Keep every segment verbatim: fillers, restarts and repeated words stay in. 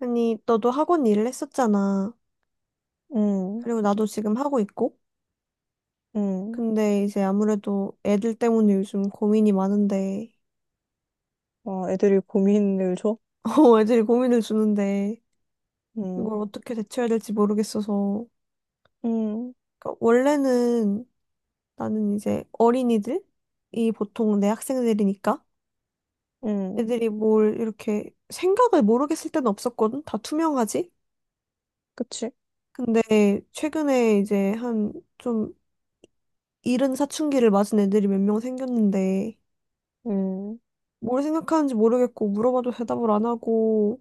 아니, 너도 학원 일을 했었잖아. 음, 그리고 나도 지금 하고 있고. 음. 근데 이제 아무래도 애들 때문에 요즘 고민이 많은데, 와, 애들이 고민을 줘? 어, 애들이 고민을 주는데, 이걸 음, 어떻게 대처해야 될지 모르겠어서. 음, 그러니까 원래는 나는 이제 어린이들이 보통 내 학생들이니까 음. 애들이 뭘 이렇게 생각을 모르겠을 때는 없었거든. 다 투명하지? 그치? 근데 최근에 이제 한 좀 이른 사춘기를 맞은 애들이 몇 명 생겼는데, 음, 뭘 생각하는지 모르겠고 물어봐도 대답을 안 하고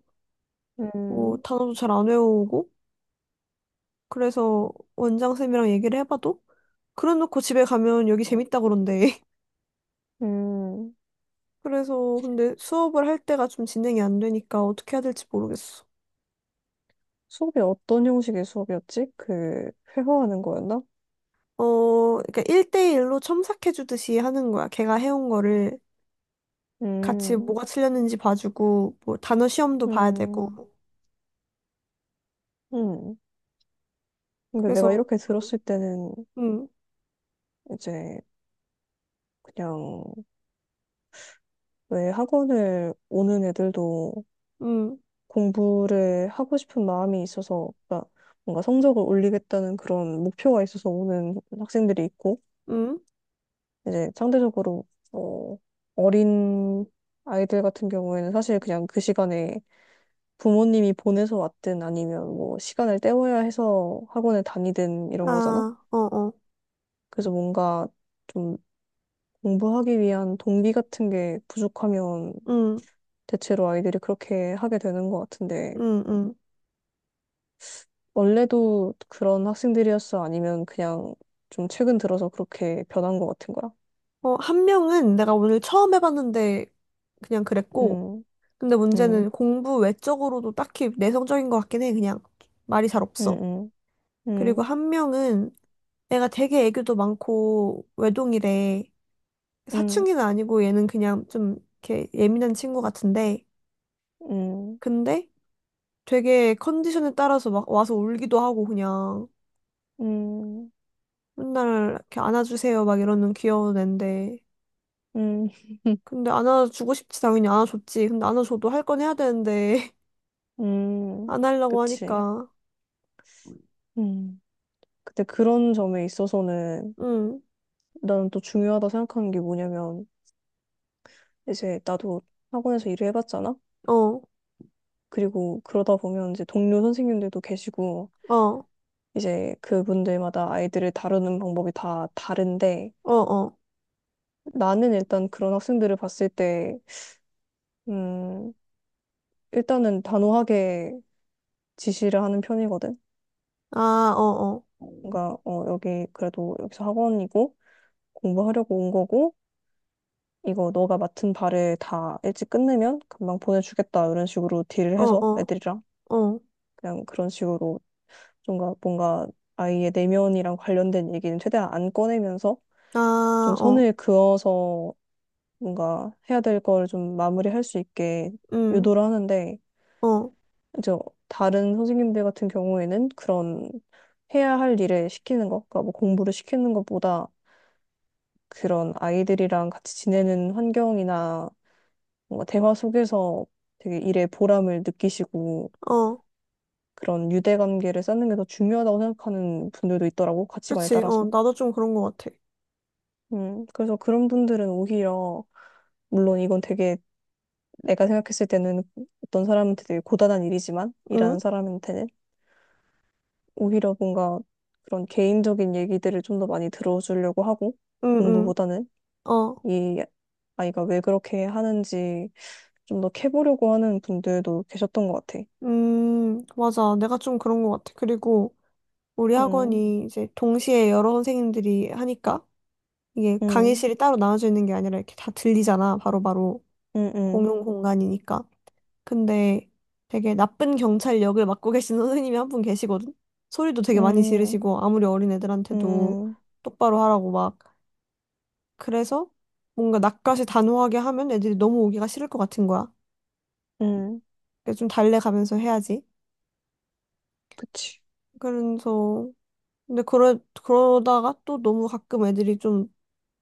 어, 음, 단어도 잘 안 외우고 그래서 원장쌤이랑 얘기를 해봐도 그래놓고 집에 가면 여기 재밌다 그런대. 음. 그래서 근데 수업을 할 때가 좀 진행이 안 되니까 어떻게 해야 될지 모르겠어. 수업이 어떤 형식의 수업이었지? 그, 회화하는 거였나? 어, 그러니까 일 대일로 첨삭해주듯이 하는 거야. 걔가 해온 거를 같이 음, 뭐가 틀렸는지 봐주고 뭐 단어 시험도 봐야 되고 음, 음. 근데 내가 그래서 이렇게 들었을 때는 음, 이제 그냥 왜 학원을 오는 애들도 음, 공부를 하고 싶은 마음이 있어서, 그러니까 뭔가 성적을 올리겠다는 그런 목표가 있어서 오는 학생들이 있고, 음, 이제 상대적으로 어, 어린 아이들 같은 경우에는 사실 그냥 그 시간에 부모님이 보내서 왔든 아니면 뭐 시간을 때워야 해서 학원을 다니든 이런 거잖아. 아, 어, 어, 그래서 뭔가 좀 공부하기 위한 동기 같은 게 부족하면 음, 대체로 아이들이 그렇게 하게 되는 것 같은데 음, 음. 원래도 그런 학생들이었어? 아니면 그냥 좀 최근 들어서 그렇게 변한 것 같은 거야? 어, 한 명은 내가 오늘 처음 해봤는데 그냥 그랬고, 음, 근데 문제는 음, 공부 외적으로도 딱히 내성적인 것 같긴 해. 그냥 말이 잘 음, 없어. 음, 그리고 음, 한 명은 애가 되게 애교도 많고 외동이래. 음, 사춘기는 아니고 얘는 그냥 좀 이렇게 예민한 친구 같은데, 음. 근데 되게 컨디션에 따라서 막 와서 울기도 하고 그냥 음, 맨날 이렇게 안아주세요 막 이러는 귀여운 앤데. 음, 근데 안아주고 싶지 당연히 안아줬지. 근데 안아줘도 할 건 해야 되는데. 음, 안 하려고 그치. 하니까. 음. 근데 그런 점에 있어서는 응, 나는 또 중요하다 생각하는 게 뭐냐면, 이제 나도 학원에서 일을 해봤잖아? 어, 그리고 그러다 보면 이제 동료 선생님들도 계시고, 어, 이제 그분들마다 아이들을 다루는 방법이 다 다른데, 어, 어. 나는 일단 그런 학생들을 봤을 때, 음, 일단은 단호하게 지시를 하는 편이거든? 아, 어, 그러니까, 어, 여기 그래도 여기서 학원이고, 공부하려고 온 거고, 이거 너가 맡은 바를 다 일찍 끝내면 금방 보내주겠다 이런 식으로 딜을 어, 해서 어, 애들이랑 어, 어. 그냥 그런 식으로 뭔가 뭔가 아이의 내면이랑 관련된 얘기는 최대한 안 꺼내면서 아, 좀 어, 선을 그어서 뭔가 해야 될 걸 좀 마무리할 수 있게 응, 유도를 하는데 어, 이제 다른 선생님들 같은 경우에는 그런 해야 할 일을 시키는 것, 그러니까 뭐 공부를 시키는 것보다 그런 아이들이랑 같이 지내는 환경이나 뭔가 대화 속에서 되게 일의 보람을 느끼시고 어. 그런 유대관계를 쌓는 게 더 중요하다고 생각하는 분들도 있더라고, 가치관에 그치, 어, 따라서. 나도 좀 그런 것 같아. 음, 그래서 그런 분들은 오히려, 물론 이건 되게 내가 생각했을 때는 어떤 사람한테 되게 고단한 일이지만, 응, 일하는 사람한테는 오히려 뭔가 그런 개인적인 얘기들을 좀 더 많이 들어주려고 하고, 응, 응, 공부보다는 어. 이 아이가 왜 그렇게 하는지 좀 더 캐보려고 하는 분들도 계셨던 것 같아. 음, 맞아. 내가 좀 그런 것 같아. 그리고 우리 음, 학원이 이제 동시에 여러 선생님들이 하니까 이게 음, 강의실이 따로 나눠져 있는 게 아니라 이렇게 다 들리잖아. 바로바로 음, 음. 공용 공간이니까. 근데 되게 나쁜 경찰 역을 맡고 계신 선생님이 한 분 계시거든? 소리도 되게 많이 음, 지르시고, 아무리 어린 음, 애들한테도 음, 똑바로 하라고 막. 그래서 뭔가 낯가시 단호하게 하면 애들이 너무 오기가 싫을 것 같은 거야. 음, 그래서 좀 달래가면서 해야지. 그치. 그래서, 근데 그러, 그러다가 또 너무 가끔 애들이 좀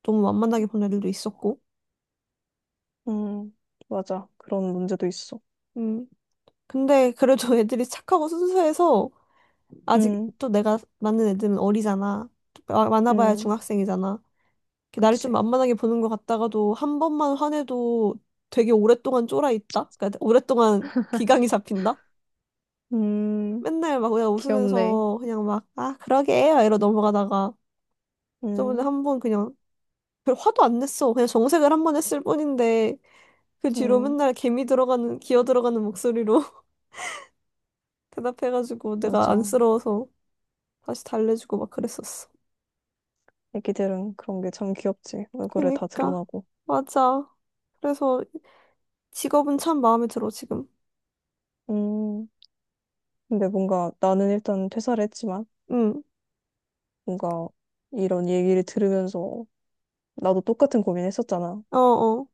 너무 만만하게 본 애들도 있었고. 음, 맞아. 그런 문제도 있어. 음. 근데 그래도 애들이 착하고 순수해서 아직 음, 또 내가 맞는 애들은 어리잖아. 또 마- 많아봐야 음, 중학생이잖아. 이렇게 나를 좀 그치. 만만하게 보는 것 같다가도 한 번만 화내도 되게 오랫동안 쫄아 있다? 그러니까 오랫동안 기강이 잡힌다? 음, 맨날 막 그냥 귀엽네. 웃으면서 그냥 막, 아, 그러게. 막 이러고 넘어가다가 저번에 음, 한 번 그냥 별 화도 안 냈어. 그냥 정색을 한 번 했을 뿐인데 그 뒤로 음, 맨날 개미 들어가는, 기어 들어가는 목소리로 대답해가지고 내가 맞아. 안쓰러워서 다시 달래주고 막 그랬었어. 애기들은 그런 게 참 귀엽지. 얼굴에 다 그니까. 드러나고. 맞아. 그래서 직업은 참 마음에 들어, 지금. 음, 근데 뭔가 나는 일단 퇴사를 했지만, 응. 뭔가 이런 얘기를 들으면서 나도 똑같은 고민했었잖아. 어어.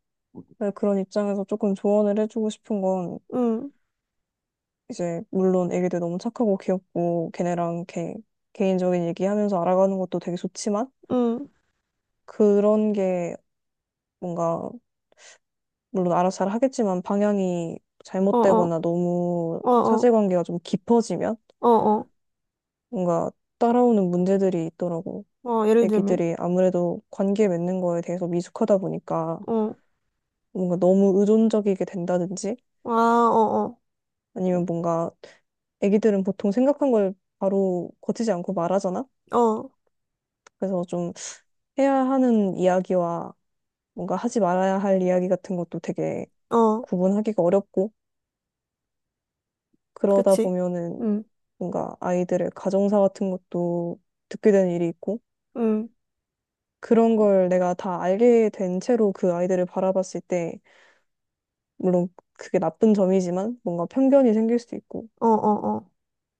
그런 입장에서 조금 조언을 해주고 싶은 건 응. 이제 물론 애기들 너무 착하고 귀엽고 걔네랑 이렇게 개인적인 얘기하면서 알아가는 것도 되게 좋지만 응, 그런 게 뭔가 물론 알아서 잘 하겠지만 방향이 어, 어, 잘못되거나 너무 어, 어, 사실관계가 좀 깊어지면 어, 어, 뭔가 따라오는 문제들이 있더라고. 어, 예를 들면, 애기들이 아무래도 관계 맺는 거에 대해서 미숙하다 보니까 어, 뭔가 너무 의존적이게 된다든지 아, 어, 아니면 뭔가 애기들은 보통 생각한 걸 바로 거치지 않고 말하잖아. 어, 그래서 해야 하는 이야기와 뭔가 하지 말아야 할 이야기 같은 것도 되게 어, 어, 구분하기가 어렵고 그러다 그치. 보면은 응, 뭔가 아이들의 가정사 같은 것도 듣게 되는 일이 있고 응, 그런 걸 내가 다 알게 된 채로 그 아이들을 바라봤을 때 물론 그게 나쁜 점이지만 뭔가 편견이 생길 수도 있고 어, 어, 어,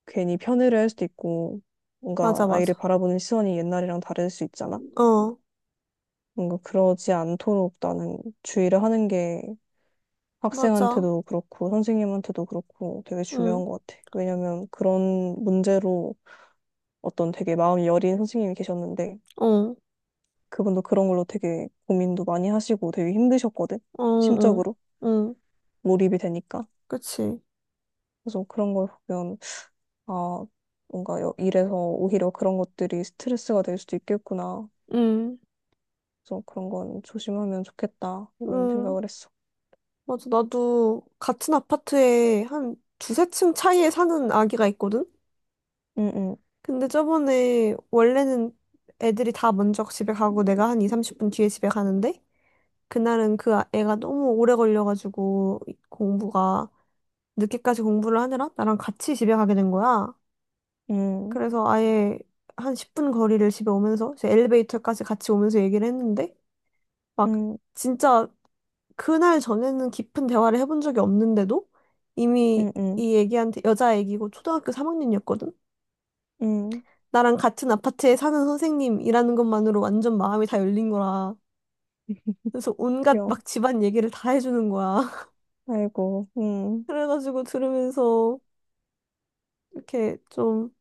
괜히 편애를 할 수도 있고 뭔가 맞아, 아이를 맞아. 바라보는 시선이 옛날이랑 다를 수 있잖아. 어, 뭔가 그러지 않도록 나는 주의를 하는 게 맞아. 학생한테도 그렇고 선생님한테도 그렇고 되게 중요한 응, 것 같아. 왜냐면 그런 문제로 어떤 되게 마음이 여린 선생님이 계셨는데 어, 그분도 그런 걸로 되게 고민도 많이 하시고 되게 힘드셨거든. 어, 어, 심적으로 응, 몰입이 되니까. 그치. 그래서 그런 걸 보면 아 뭔가 여- 일에서 오히려 그런 것들이 스트레스가 될 수도 있겠구나. 응, 그래서 그런 건 조심하면 좋겠다 이런 응, 생각을 했어. 맞아. 나도 같은 아파트에 한 두세 층 차이에 사는 아기가 있거든? 응응 근데 저번에 원래는 애들이 다 먼저 집에 가고 내가 한 이, 삼십 분 뒤에 집에 가는데 그날은 그 아- 애가 너무 오래 걸려가지고 공부가 늦게까지 공부를 하느라 나랑 같이 집에 가게 된 거야. 그래서 아예 한 십 분 거리를 집에 오면서 이제 엘리베이터까지 같이 오면서 얘기를 했는데 막 진짜 그날 전에는 깊은 대화를 해본 적이 없는데도 이미 응응응응응 이 애기한테 여자 애기고 초등학교 삼 학년이었거든. 나랑 같은 아파트에 사는 선생님이라는 것만으로 완전 마음이 다 열린 거라. 그래서 온갖 귀여워. 막 집안 얘기를 다 해주는 거야. 아이고 응 그래가지고 들으면서 이렇게 좀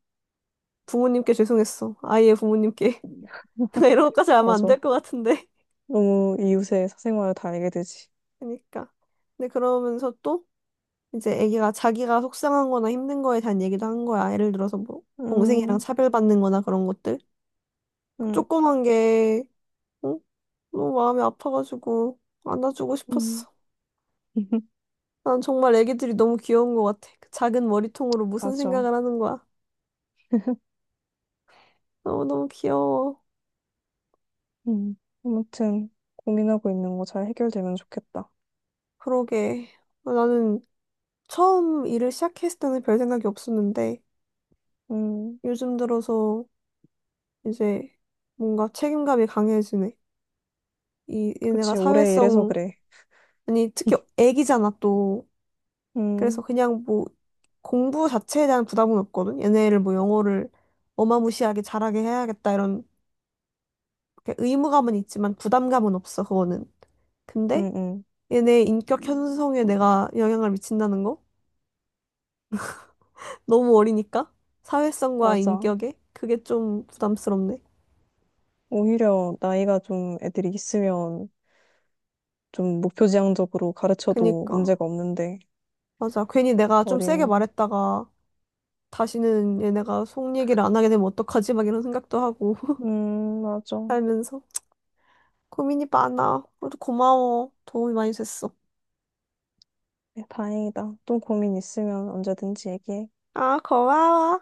부모님께 죄송했어. 아이의 부모님께. 내가 이런 것까지 하면 안 맞아. 될 것 같은데. 너무 이웃의 사생활을 다 알게 되지. 그러니까. 근데 그러면서 또 이제 애기가 자기가 속상한 거나 힘든 거에 대한 얘기도 한 거야. 예를 들어서 뭐 동생이랑 음, 차별받는 거나 그런 것들. 음, 조그만 게 응? 너무 마음이 아파가지고 안아주고 음. 싶었어. 난 정말 애기들이 너무 귀여운 것 같아. 그 작은 머리통으로 무슨 맞아. 생각을 하는 거야. 너무너무 귀여워. 음. 아무튼 고민하고 있는 거 잘 해결되면 좋겠다. 그러게. 나는 처음 일을 시작했을 때는 별 생각이 없었는데 음, 요즘 들어서 이제 뭔가 책임감이 강해지네. 이, 얘네가 그치. 올해 이래서 사회성, 그래. 아니, 특히 애기잖아, 또. 그래서 음, 그냥 뭐 공부 자체에 대한 부담은 없거든. 얘네를 뭐 영어를 어마무시하게 잘하게 해야겠다, 이런 이렇게 의무감은 있지만 부담감은 없어, 그거는. 음, 근데 음. 얘네 인격 형성에 내가 영향을 미친다는 거? 너무 어리니까? 사회성과 맞아. 인격에? 그게 좀 부담스럽네. 오히려 나이가 좀 애들이 있으면 좀 목표지향적으로 가르쳐도 그니까. 문제가 없는데 맞아. 괜히 내가 좀 세게 어린. 말했다가 다시는 얘네가 속 얘기를 안 하게 되면 어떡하지? 막 이런 생각도 하고 음, 맞아. 살면서 고민이 많아. 그래도 고마워. 도움이 많이 됐어. 네, 다행이다. 또 고민 있으면 언제든지 얘기해. 아, 고마워.